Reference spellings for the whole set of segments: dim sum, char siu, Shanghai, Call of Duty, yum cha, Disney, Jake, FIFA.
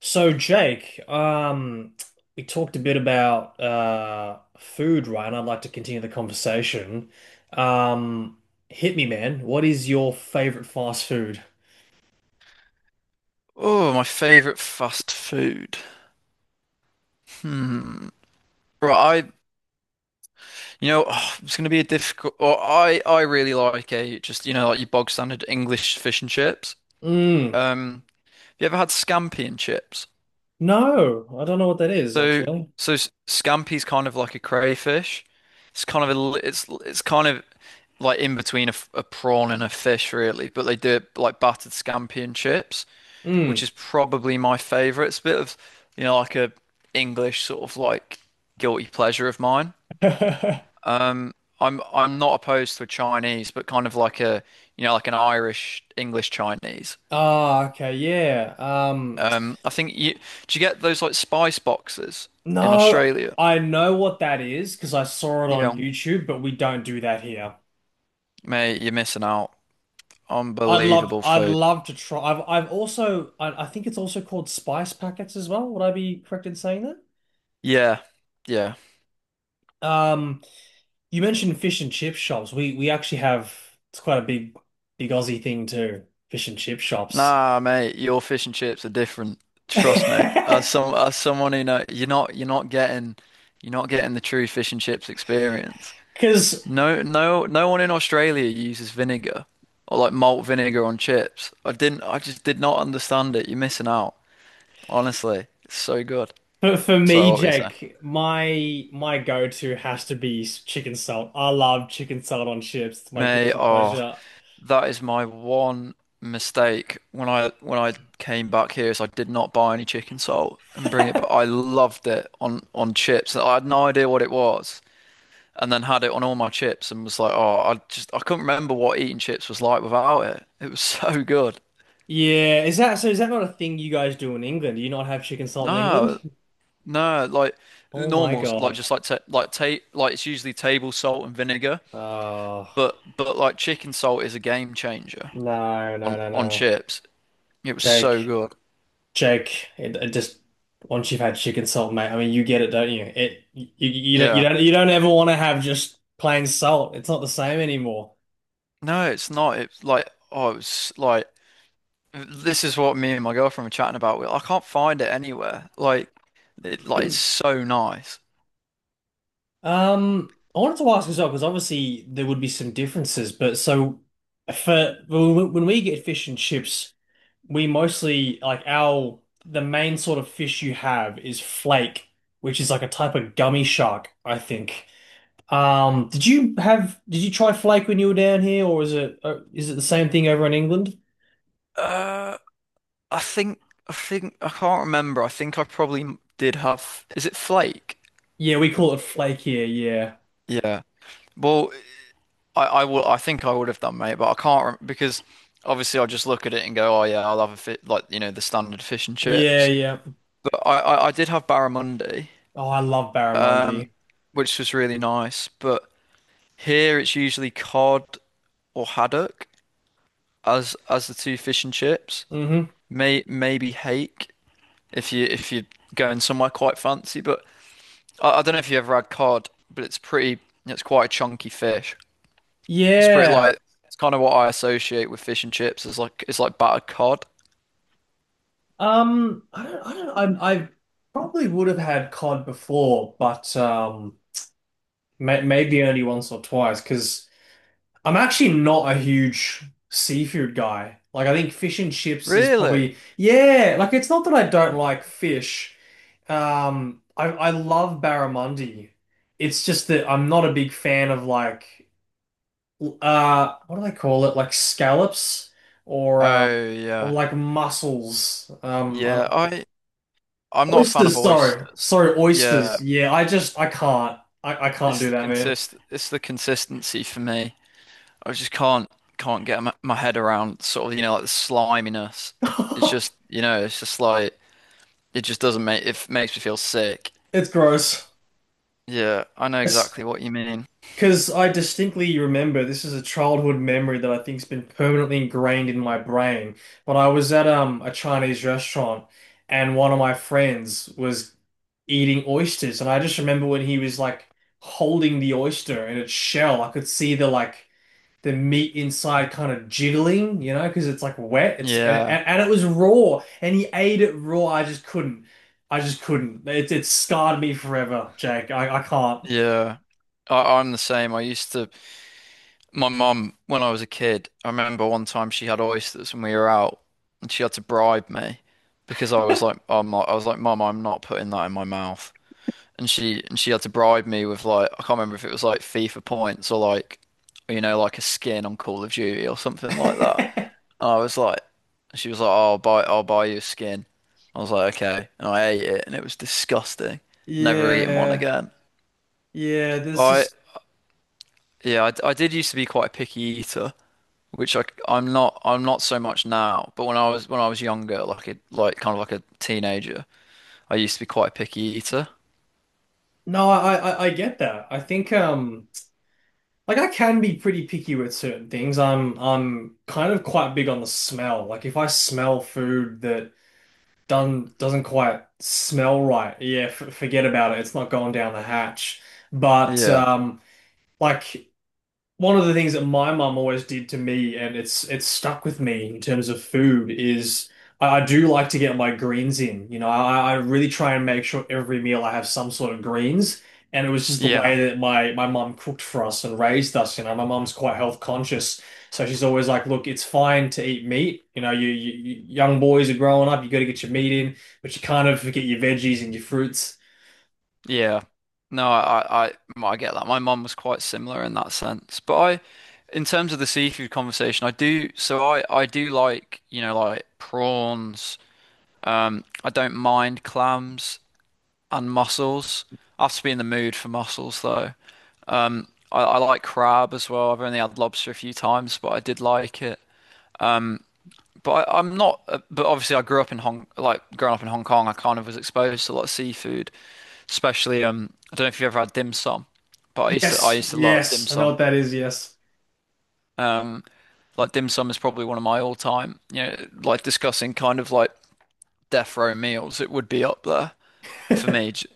So Jake, we talked a bit about food, right? And I'd like to continue the conversation. Um, Hit me, man. What is your favorite fast food? Oh, my favorite fast food. Hmm. Right, oh, it's going to be a difficult. Or I really like a just, like your bog standard English fish and chips. Mm, Um, have you ever had scampi and chips? no, I don't know what that is So, actually. Scampi's kind of like a crayfish. It's kind of it's kind of like in between a prawn and a fish, really. But they do it like battered scampi and chips, which Mm. is probably my favorite. It's a bit of, like a English sort of like guilty pleasure of mine. Um, I'm not opposed to a Chinese, but kind of like a, like an Irish English Chinese. Ah, okay, yeah. I think you Do you get those like spice boxes in No, Australia? I know what that is because I saw it on Yeah, YouTube, but we don't do that here. mate, you're missing out. I'd love Unbelievable I'd food. love to try. I think it's also called spice packets as well. Would I be correct in saying that? Yeah, yeah. Um, you mentioned fish and chip shops. We actually have it's quite a big Aussie thing too. Fish and chip shops. Nah, mate, your fish and chips are different. Trust me. As some as someone who know, you're not getting, you're not getting the true fish and chips experience. Because No, no, no one in Australia uses vinegar or like malt vinegar on chips. I just did not understand it. You're missing out. Honestly. It's so good. for Sorry, me, what were you saying? Jake, my go-to has to be chicken salt. I love chicken salt on chips. It's my Mate, guilty oh, pleasure. that is my one mistake when I came back here is I did not buy any chicken salt and bring it, but I loved it on chips. I had no idea what it was, and then had it on all my chips and was like, oh, I couldn't remember what eating chips was like without it. It was so good. Yeah, is that so? Is that not a thing you guys do in England? Do you not have chicken salt in England? No, no, like Oh my normals, like God. just like ta like ta like it's usually table salt and vinegar, Oh, but like chicken salt is a game changer no, no, no, on no. chips. It was so Jake, good. Jake, it just once you've had chicken salt, mate, I mean, you get it, don't you? It you, you don't you Yeah. don't you don't ever want to have just plain salt. It's not the same anymore. No, it's not. It's like, oh, it's like, this is what me and my girlfriend were chatting about. We- I can't find it anywhere. Like, it, like it's so nice. I wanted to ask as well because obviously there would be some differences, but so for when we get fish and chips, we mostly like our the main sort of fish you have is flake, which is like a type of gummy shark, I think. Did you try flake when you were down here, or is it the same thing over in England? Uh, I think, I can't remember. I think I probably did have, is it Flake? Yeah, we call it flake here. Yeah, Yeah. Well, I will, I think I would have done, mate, but I can't rem because obviously I just look at it and go, oh, yeah, I'll have a fit, like, the standard fish and yeah, chips. yeah. But I did have barramundi, Oh, I love um, barramundi. which was really nice, but. Here it's usually cod or haddock as the two fish and chips. Hmm. Maybe hake if you're going somewhere quite fancy. But I don't know if you ever had cod, but it's pretty. It's quite a chunky fish. It's pretty Yeah. like it's kind of what I associate with fish and chips. Is like it's like battered cod. I don't, I don't, I probably would have had cod before, but may, maybe only once or twice because I'm actually not a huge seafood guy. Like, I think fish and chips is Really? probably, yeah, like it's not that I don't like fish. I love barramundi. It's just that I'm not a big fan of like, what do they call it? Like scallops or, um, Oh or yeah, like mussels. I yeah. don't- I I'm not a fan of Oysters, sorry. oysters. Sorry, Yeah, oysters. Yeah, I just, I can't. I can't it's do the that, man. consist it's the consistency for me. I just can't get my, my head around sort of, like the sliminess. It's just, it's just like, it just doesn't make it makes me feel sick. It's gross. Yeah, I know exactly what you mean. Because I distinctly remember this is a childhood memory that I think's been permanently ingrained in my brain. When I was at a Chinese restaurant and one of my friends was eating oysters, and I just remember when he was like holding the oyster in its shell, I could see the like the meat inside kind of jiggling, you know, because it's like wet. It's Yeah, and it was raw, and he ate it raw. I just couldn't. I just couldn't. It scarred me forever, Jake. I can't. yeah. I'm the same. I used to, my mum when I was a kid. I remember one time she had oysters when we were out, and she had to bribe me because I was like, I'm not, I was like, Mum, I'm not putting that in my mouth, and she had to bribe me with like, I can't remember if it was like FIFA points or like, like a skin on Call of Duty or something like that. And I was like, she was like, oh, I'll buy you a skin. I was like, okay, and I ate it and it was disgusting. Never eating one Yeah. again. Yeah, there's But just yeah, I did used to be quite a picky eater, which I'm not, I'm not so much now. But when I was younger, like a like kind of like a teenager, I used to be quite a picky eater. no, I get that. I think like I can be pretty picky with certain things. I'm kind of quite big on the smell. Like if I smell food that done doesn't quite smell right, yeah, f forget about it. It's not going down the hatch. But Yeah, like One of the things that my mum always did to me, and it's stuck with me in terms of food, is I do like to get my greens in. You know, I really try and make sure every meal I have some sort of greens. And it was just the yeah. way that my mum cooked for us and raised us. You know, my mum's quite health conscious, so she's always like, "Look, it's fine to eat meat. You know, young boys are growing up. You got to get your meat in, but you kind of forget your veggies and your fruits." Yeah. No, I well, I get that. My mum was quite similar in that sense. But in terms of the seafood conversation, so I do like, like prawns. I don't mind clams and mussels. I have to be in the mood for mussels though. I like crab as well. I've only had lobster a few times, but I did like it. But I, I'm not. But obviously, I grew up in Hong, like growing up in Hong Kong, I kind of was exposed to a lot of seafood, especially. I don't know if you've ever had dim sum, but I Yes, used to love dim yes, I know sum. what that is. Yes. Like dim sum is probably one of my all-time. You know, like discussing kind of like death row meals, it would be up there for me. J-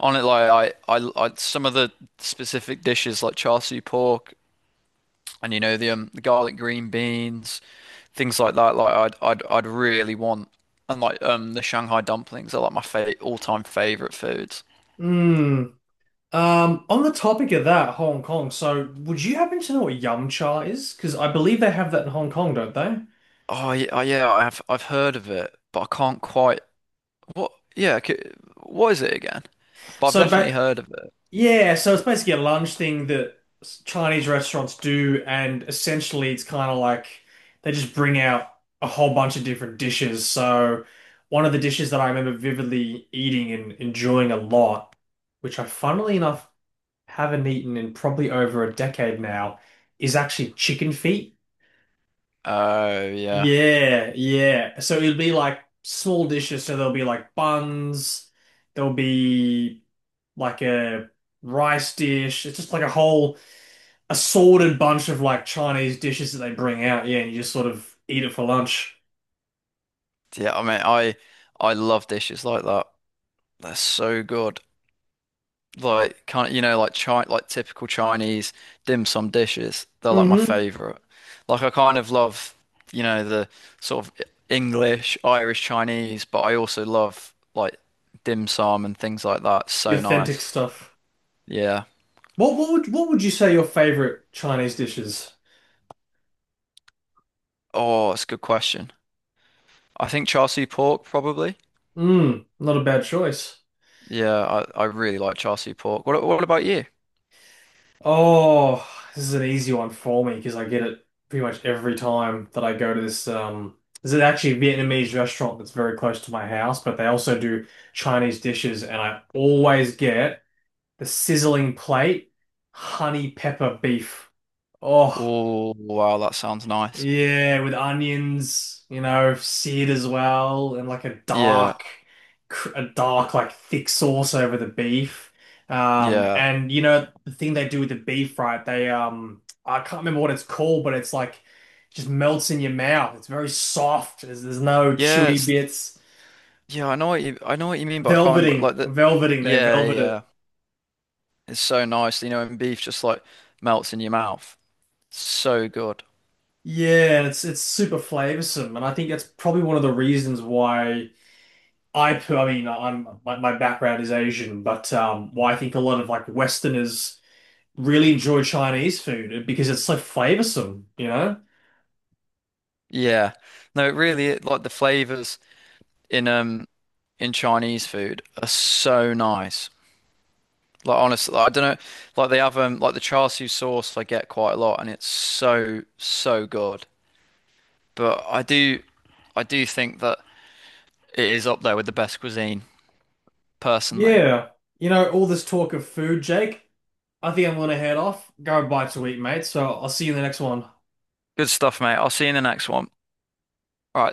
On it, Like some of the specific dishes like char siu pork, and you know the garlic green beans, things like that. Like I'd really want, and like the Shanghai dumplings are like my fa all-time favorite foods. Hmm. On the topic of that, Hong Kong, so would you happen to know what yum cha is? Because I believe they have that in Hong Kong, don't they? Oh yeah, oh, yeah, I've heard of it, but I can't quite, what yeah, c what is it again? But I've So, definitely but heard of it. yeah, so it's basically a lunch thing that Chinese restaurants do, and essentially it's kind of like they just bring out a whole bunch of different dishes. So, one of the dishes that I remember vividly eating and enjoying a lot, which I funnily enough haven't eaten in probably over a decade now, is actually chicken feet. Oh yeah. Yeah, yeah. So it'll be like small dishes. So there'll be like buns, there'll be like a rice dish. It's just like a whole assorted bunch of like Chinese dishes that they bring out. Yeah, and you just sort of eat it for lunch. Yeah, I love dishes like that. They're so good. Like kind of, you know, like chi like typical Chinese dim sum dishes. They're like my Mm-hmm. favorite. Like I kind of love, you know, the sort of English, Irish, Chinese, but I also love like dim sum and things like that. The So authentic nice. stuff. Yeah. What would you say your favorite Chinese dishes? Oh, it's a good question. I think char siu pork probably. Mm, not a bad choice. Yeah, I really like char siu pork. What about you? Oh, this is an easy one for me because I get it pretty much every time that I go to this. This is actually a Vietnamese restaurant that's very close to my house, but they also do Chinese dishes, and I always get the sizzling plate, honey pepper beef. Oh. Oh, wow, that sounds nice. Yeah, with onions, you know, seared as well, and like a Yeah, dark, a dark, like thick sauce over the beef. Yeah. And you know, the thing they do with the beef, right? I can't remember what it's called, but it's like just melts in your mouth. It's very soft. There's no Yeah, chewy it's bits. Yeah, I know what you mean, but I can't remember Velveting, like the, velveting, they yeah, velvet yeah. it. It's so nice, you know, and beef just like melts in your mouth. So good. Yeah, and it's super flavorsome, and I think that's probably one of the reasons why. I mean, my background is Asian, but well, I think a lot of like Westerners really enjoy Chinese food because it's so flavoursome, you know? Yeah. No, it really it, like the flavors in um in Chinese food are so nice. Like honestly, like, I don't know, like they have like the char siu sauce I get quite a lot and it's so so good. But I do think that it is up there with the best cuisine personally. Yeah, you know, all this talk of food, Jake. I think I'm gonna head off, go bite to eat, mate. So I'll see you in the next one. Good stuff, mate. I'll see you in the next one. All right.